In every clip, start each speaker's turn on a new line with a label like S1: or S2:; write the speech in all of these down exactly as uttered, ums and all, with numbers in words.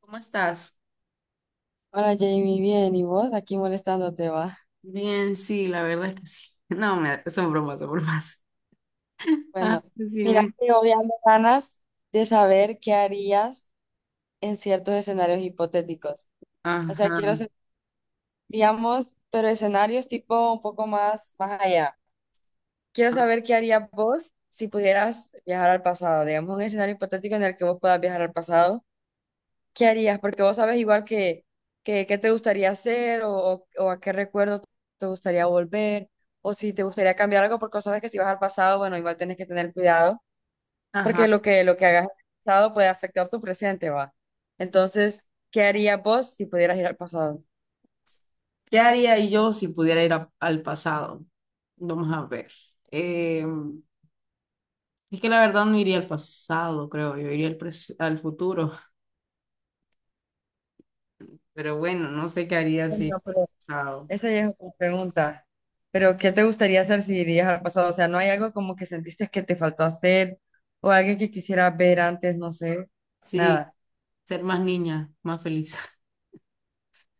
S1: ¿Cómo estás?
S2: Hola Jamie, bien, ¿y vos? Aquí molestándote va.
S1: Bien, sí, la verdad es que sí. No, me, son bromas, son bromas. Ah,
S2: Bueno, mira,
S1: decime.
S2: yo ya me ganas de saber qué harías en ciertos escenarios hipotéticos. O sea,
S1: Ajá,
S2: quiero hacer, digamos, pero escenarios tipo un poco más más allá. Quiero saber qué harías vos si pudieras viajar al pasado, digamos, un escenario hipotético en el que vos puedas viajar al pasado. ¿Qué harías? Porque vos sabes igual que, que, qué te gustaría hacer o, o, o a qué recuerdo te gustaría volver, o si te gustaría cambiar algo, porque vos sabes que si vas al pasado, bueno, igual tienes que tener cuidado,
S1: ajá.
S2: porque lo que, lo que hagas en el pasado puede afectar tu presente, va. Entonces, ¿qué harías vos si pudieras ir al pasado?
S1: ¿Qué haría yo si pudiera ir a- al pasado? Vamos a ver. Eh, es que la verdad no iría al pasado, creo. Yo iría al, pres- al futuro. Pero bueno, no sé qué haría si
S2: Bueno,
S1: fuera al
S2: pero
S1: pasado.
S2: esa ya es otra pregunta. Pero ¿qué te gustaría hacer si irías al pasado? O sea, ¿no hay algo como que sentiste que te faltó hacer o alguien que quisieras ver antes? No sé,
S1: Sí,
S2: nada.
S1: ser más niña, más feliz.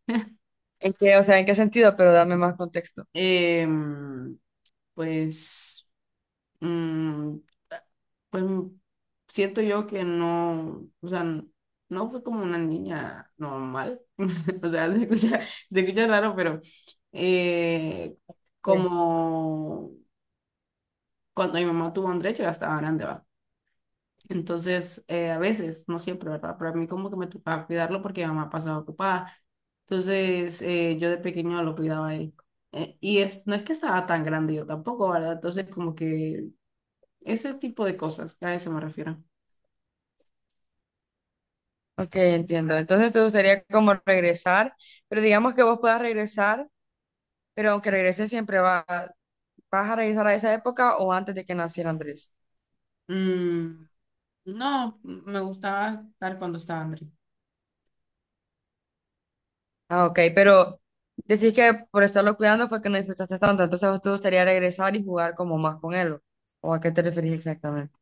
S2: ¿En qué, o sea, en qué sentido? Pero dame más contexto.
S1: Em, pues. mm, pues mm, siento yo que no, o sea, no fue como una niña normal, o sea, se escucha, se escucha raro, pero eh,
S2: Sí.
S1: como cuando mi mamá tuvo a Andrés, yo ya estaba grande, va. Entonces, eh, a veces, no siempre, ¿verdad? Pero a mí como que me tocaba cuidarlo porque mi mamá pasaba ocupada. Entonces, eh, yo de pequeño lo cuidaba a él. Eh, y es, no es que estaba tan grande yo tampoco, ¿verdad? Entonces, como que ese tipo de cosas, a eso me refiero.
S2: Ok, entiendo. Entonces te gustaría como regresar, pero digamos que vos puedas regresar, pero aunque regreses siempre va, vas a regresar a esa época o antes de que naciera Andrés.
S1: Mm, no, me gustaba estar cuando estaba André.
S2: Ah, ok, pero decís que por estarlo cuidando fue que no disfrutaste tanto, entonces a vos te gustaría regresar y jugar como más con él, ¿o a qué te referís exactamente?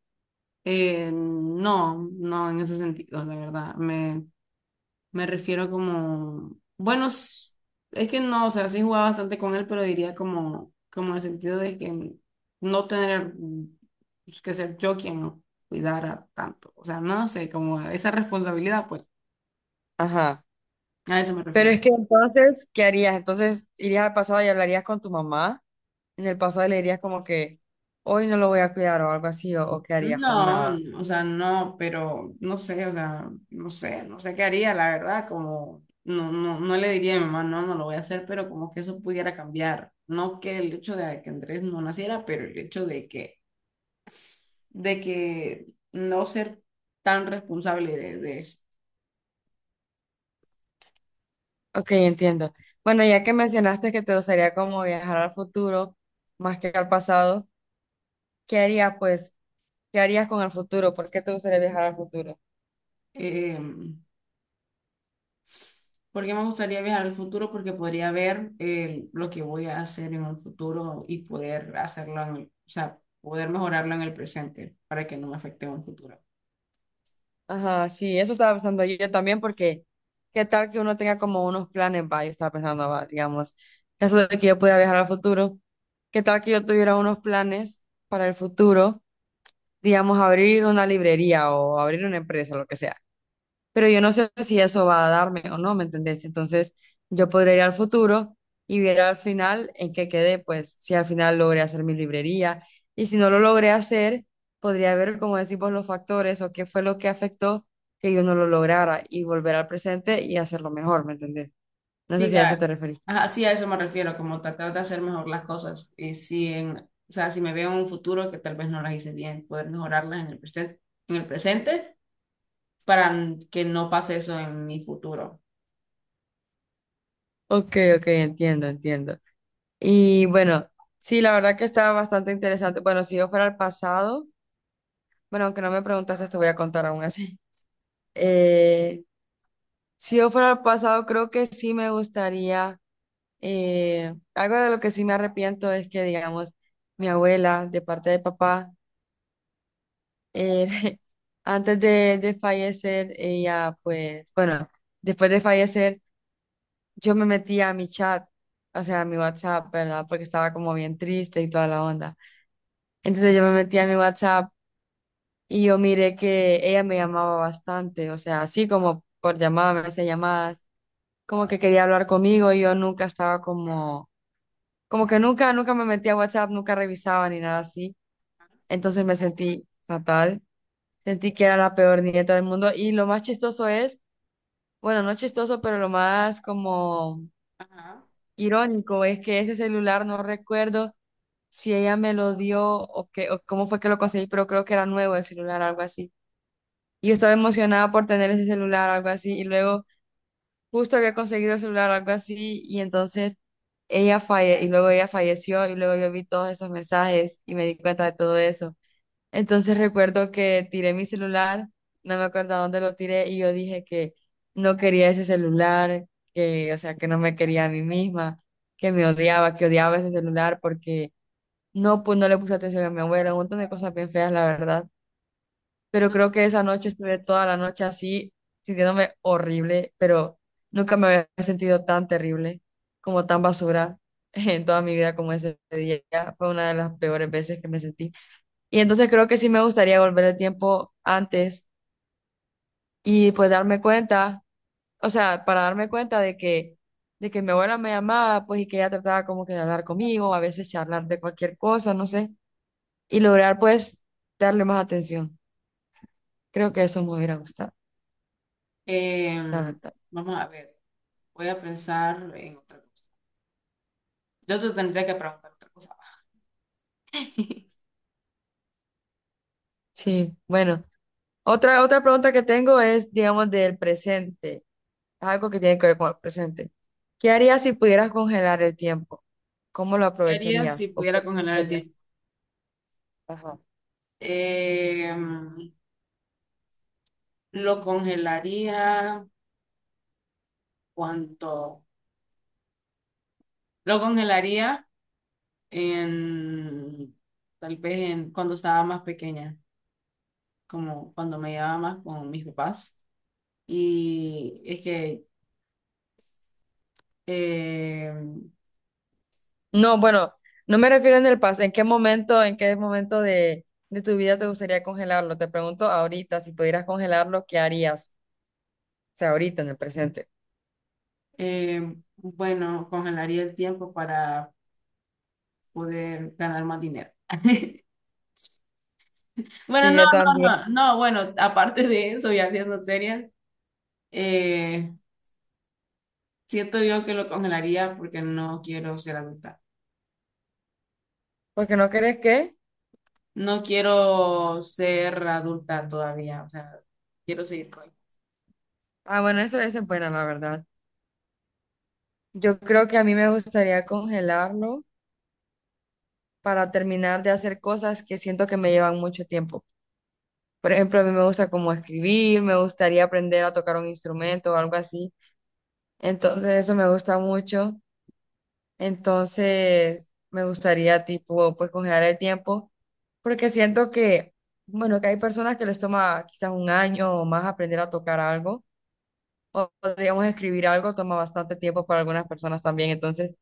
S1: Eh, no, no en ese sentido, la verdad. Me, me refiero como, bueno, s- es que no, o sea, sí jugaba bastante con él, pero diría como, como en el sentido de que no tener mm, que ser yo quien lo cuidara tanto. O sea, no sé, como esa responsabilidad, pues,
S2: Ajá.
S1: a eso me
S2: Pero
S1: refiero.
S2: es que entonces, ¿qué harías? Entonces, ¿irías al pasado y hablarías con tu mamá? En el pasado le dirías como que hoy no lo voy a cuidar o algo así, o, o qué harías, o
S1: No,
S2: nada.
S1: o sea, no, pero no sé, o sea, no sé, no sé qué haría, la verdad, como no, no, no le diría a mi mamá, no, no lo voy a hacer, pero como que eso pudiera cambiar. No que el hecho de que Andrés no naciera, pero el hecho de que, de que no ser tan responsable de, de eso.
S2: Ok, entiendo. Bueno, ya que mencionaste que te gustaría como viajar al futuro más que al pasado, ¿qué harías pues? ¿Qué harías con el futuro? ¿Por qué te gustaría viajar al futuro?
S1: Em, Porque me gustaría viajar al futuro porque podría ver eh, lo que voy a hacer en un futuro y poder hacerlo, en el- o sea, poder mejorarlo en el presente para que no me afecte en un futuro.
S2: Ajá, sí, eso estaba pensando yo también, porque qué tal que uno tenga como unos planes, va. Yo estaba pensando, va, digamos, eso de que yo pudiera viajar al futuro, qué tal que yo tuviera unos planes para el futuro, digamos, abrir una librería o abrir una empresa, lo que sea, pero yo no sé si eso va a darme o no, ¿me entendés? Entonces, yo podría ir al futuro y ver al final en qué quedé, pues si al final logré hacer mi librería, y si no lo logré hacer, podría ver, como decimos, los factores o qué fue lo que afectó que yo no lo lograra, y volver al presente y hacerlo mejor, ¿me entendés? No sé
S1: Sí,
S2: si a eso
S1: a,
S2: te referís.
S1: ajá, sí, a eso me refiero, como tratar de hacer mejor las cosas. Y si en, o sea, si me veo en un futuro que tal vez no las hice bien, poder mejorarlas en el presente, en el presente para n- que no pase eso en mi futuro.
S2: Ok, ok, entiendo, entiendo. Y bueno, sí, la verdad que estaba bastante interesante. Bueno, si yo fuera al pasado, bueno, aunque no me preguntaste, te voy a contar aún así. Eh, Si yo fuera al pasado, creo que sí me gustaría, eh, algo de lo que sí me arrepiento es que, digamos, mi abuela, de parte de papá, eh, antes de, de fallecer, ella, pues, bueno, después de fallecer, yo me metía a mi chat, o sea, a mi WhatsApp, ¿verdad? Porque estaba como bien triste y toda la onda. Entonces yo me metía a mi WhatsApp y yo miré que ella me llamaba bastante, o sea, así como por llamadas, me hacía llamadas, como que quería hablar conmigo y yo nunca estaba como, como que nunca, nunca me metía a WhatsApp, nunca revisaba ni nada así. Entonces me sentí fatal, sentí que era la peor nieta del mundo, y lo más chistoso es, bueno, no chistoso, pero lo más como
S1: Ajá.
S2: irónico es que ese celular no recuerdo si ella me lo dio o, que, o cómo fue que lo conseguí, pero creo que era nuevo el celular, algo así. Y yo estaba emocionada por tener ese celular, algo así, y luego justo había conseguido el celular algo así, y entonces ella falle y luego ella falleció y luego yo vi todos esos mensajes y me di cuenta de todo eso. Entonces recuerdo que tiré mi celular, no me acuerdo a dónde lo tiré, y yo dije que no quería ese celular, que o sea, que no me quería a mí misma, que me odiaba, que odiaba ese celular porque no, pues no le puse atención a mi abuela, un montón de cosas bien feas, la verdad, pero creo que esa noche estuve toda la noche así, sintiéndome horrible, pero nunca me había sentido tan terrible, como tan basura en toda mi vida como ese día. Fue una de las peores veces que me sentí. Y entonces creo que sí me gustaría volver el tiempo antes y pues darme cuenta, o sea, para darme cuenta de que de que mi abuela me llamaba, pues, y que ella trataba como que de hablar conmigo, a veces charlar de cualquier cosa, no sé, y lograr, pues, darle más atención. Creo que eso me hubiera gustado, la
S1: Em,
S2: verdad.
S1: Vamos a ver, voy a pensar en otra cosa. Yo te tendría que preguntar otra cosa.
S2: Sí, bueno. Otra, otra pregunta que tengo es, digamos, del presente. Algo que tiene que ver con el presente. ¿Qué harías si pudieras congelar el tiempo? ¿Cómo lo
S1: ¿Qué haría si
S2: aprovecharías? ¿O qué
S1: pudiera congelar el
S2: pensarías?
S1: tiempo?
S2: Ajá.
S1: Em, lo congelaría cuánto. Lo congelaría en, tal vez en, cuando estaba más pequeña, como cuando me llevaba más con mis papás. Y es que, eh,
S2: No, bueno, no me refiero en el pasado. ¿En qué momento, en qué momento de, de tu vida te gustaría congelarlo? Te pregunto ahorita, si pudieras congelarlo, ¿qué harías? O sea, ahorita en el presente.
S1: eh, bueno, congelaría el tiempo para poder ganar más dinero. Bueno,
S2: Sí,
S1: no,
S2: yo
S1: no,
S2: también.
S1: no, no, bueno, aparte de eso y haciendo serias, eh, siento yo que lo congelaría porque no quiero ser adulta.
S2: Porque no crees que...
S1: No quiero ser adulta todavía, o sea, quiero seguir con.
S2: Ah, bueno, eso, eso es buena, la verdad. Yo creo que a mí me gustaría congelarlo, para terminar de hacer cosas que siento que me llevan mucho tiempo. Por ejemplo, a mí me gusta como escribir, me gustaría aprender a tocar un instrumento o algo así. Entonces, eso me gusta mucho. Entonces, me gustaría tipo, pues congelar el tiempo, porque siento que, bueno, que hay personas que les toma quizás un año o más aprender a tocar algo, o o, digamos escribir algo toma bastante tiempo para algunas personas también. Entonces,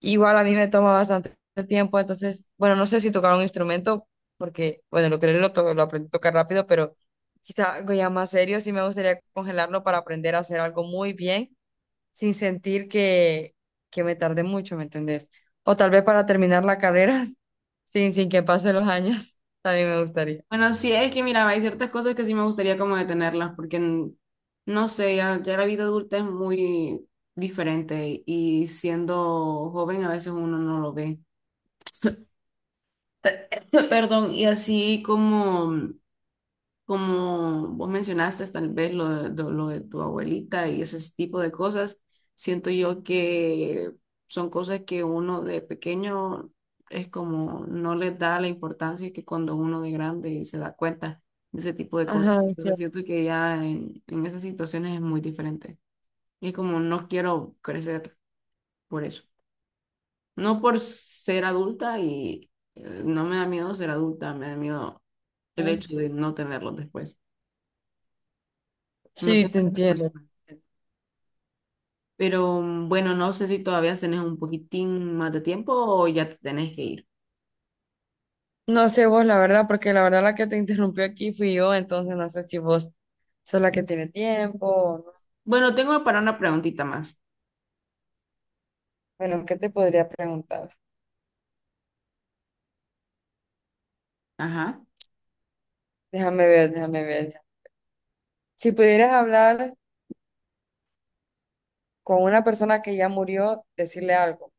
S2: igual a mí me toma bastante tiempo, entonces, bueno, no sé si tocar un instrumento, porque, bueno, lo que lo, to- lo aprendí a tocar rápido, pero quizá algo ya más serio, sí me gustaría congelarlo para aprender a hacer algo muy bien, sin sentir que, que me tarde mucho, ¿me entendés? O tal vez para terminar la carrera, sin, sin que pasen los años, también me gustaría.
S1: Bueno, sí, es que mira, hay ciertas cosas que sí me gustaría como detenerlas, porque n- no sé, ya, ya la vida adulta es muy diferente y siendo joven a veces uno no lo ve. Perdón, y así como. Como vos mencionaste, tal vez lo de, de- lo de tu abuelita y ese tipo de cosas, siento yo que son cosas que uno de pequeño es como no les da la importancia que cuando uno de grande se da cuenta de ese tipo de cosas.
S2: Ajá,
S1: Entonces
S2: entiendo.
S1: siento que ya en, en esas situaciones es muy diferente. Y es como no quiero crecer por eso. No por ser adulta y eh, no me da miedo ser adulta, me da miedo el hecho de no tenerlos después. No
S2: Sí, te
S1: tener esa
S2: entiendo.
S1: persona. Pero mm, bueno, no sé si todavía tenés un poquitín más de tiempo o ya te tenés que ir.
S2: No sé vos, la verdad, porque la verdad la que te interrumpió aquí fui yo, entonces no sé si vos sos la que tiene tiempo.
S1: Bueno, tengo para una preguntita más.
S2: Bueno, ¿qué te podría preguntar?
S1: Ajá.
S2: Déjame ver, déjame ver. Si pudieras hablar con una persona que ya murió, decirle algo,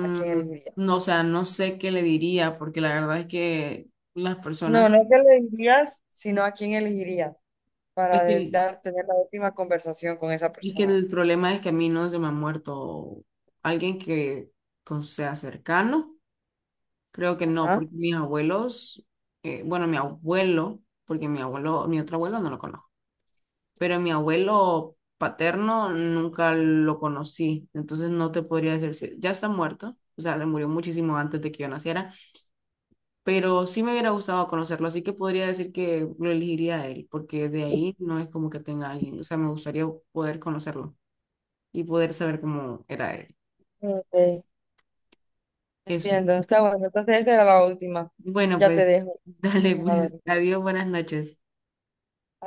S2: ¿a quién elegirías?
S1: no, o sea, no sé qué le diría, porque la verdad es que las
S2: No,
S1: personas,
S2: no que le dirías, sino a quién elegirías para
S1: es
S2: de-
S1: que,
S2: dar- tener la última conversación con esa
S1: es que
S2: persona.
S1: el problema es que a mí no se me ha muerto alguien que con- sea cercano. Creo que no,
S2: Ajá.
S1: porque mis abuelos, eh, bueno, mi abuelo, porque mi abuelo, mi otro abuelo no lo conozco. Pero mi abuelo paterno nunca lo conocí, entonces no te podría decir si ya está muerto, o sea, le murió muchísimo antes de que yo naciera, pero sí me hubiera gustado conocerlo, así que podría decir que lo elegiría a él, porque de ahí no es como que tenga alguien, o sea, me gustaría poder conocerlo y poder saber cómo era él.
S2: Ok.
S1: Eso.
S2: Entiendo, está bueno. Entonces esa era la última.
S1: Bueno,
S2: Ya te
S1: pues
S2: dejo.
S1: dale,
S2: Vayas a
S1: pues
S2: dormir.
S1: adiós, buenas noches.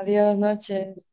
S2: Adiós, noches.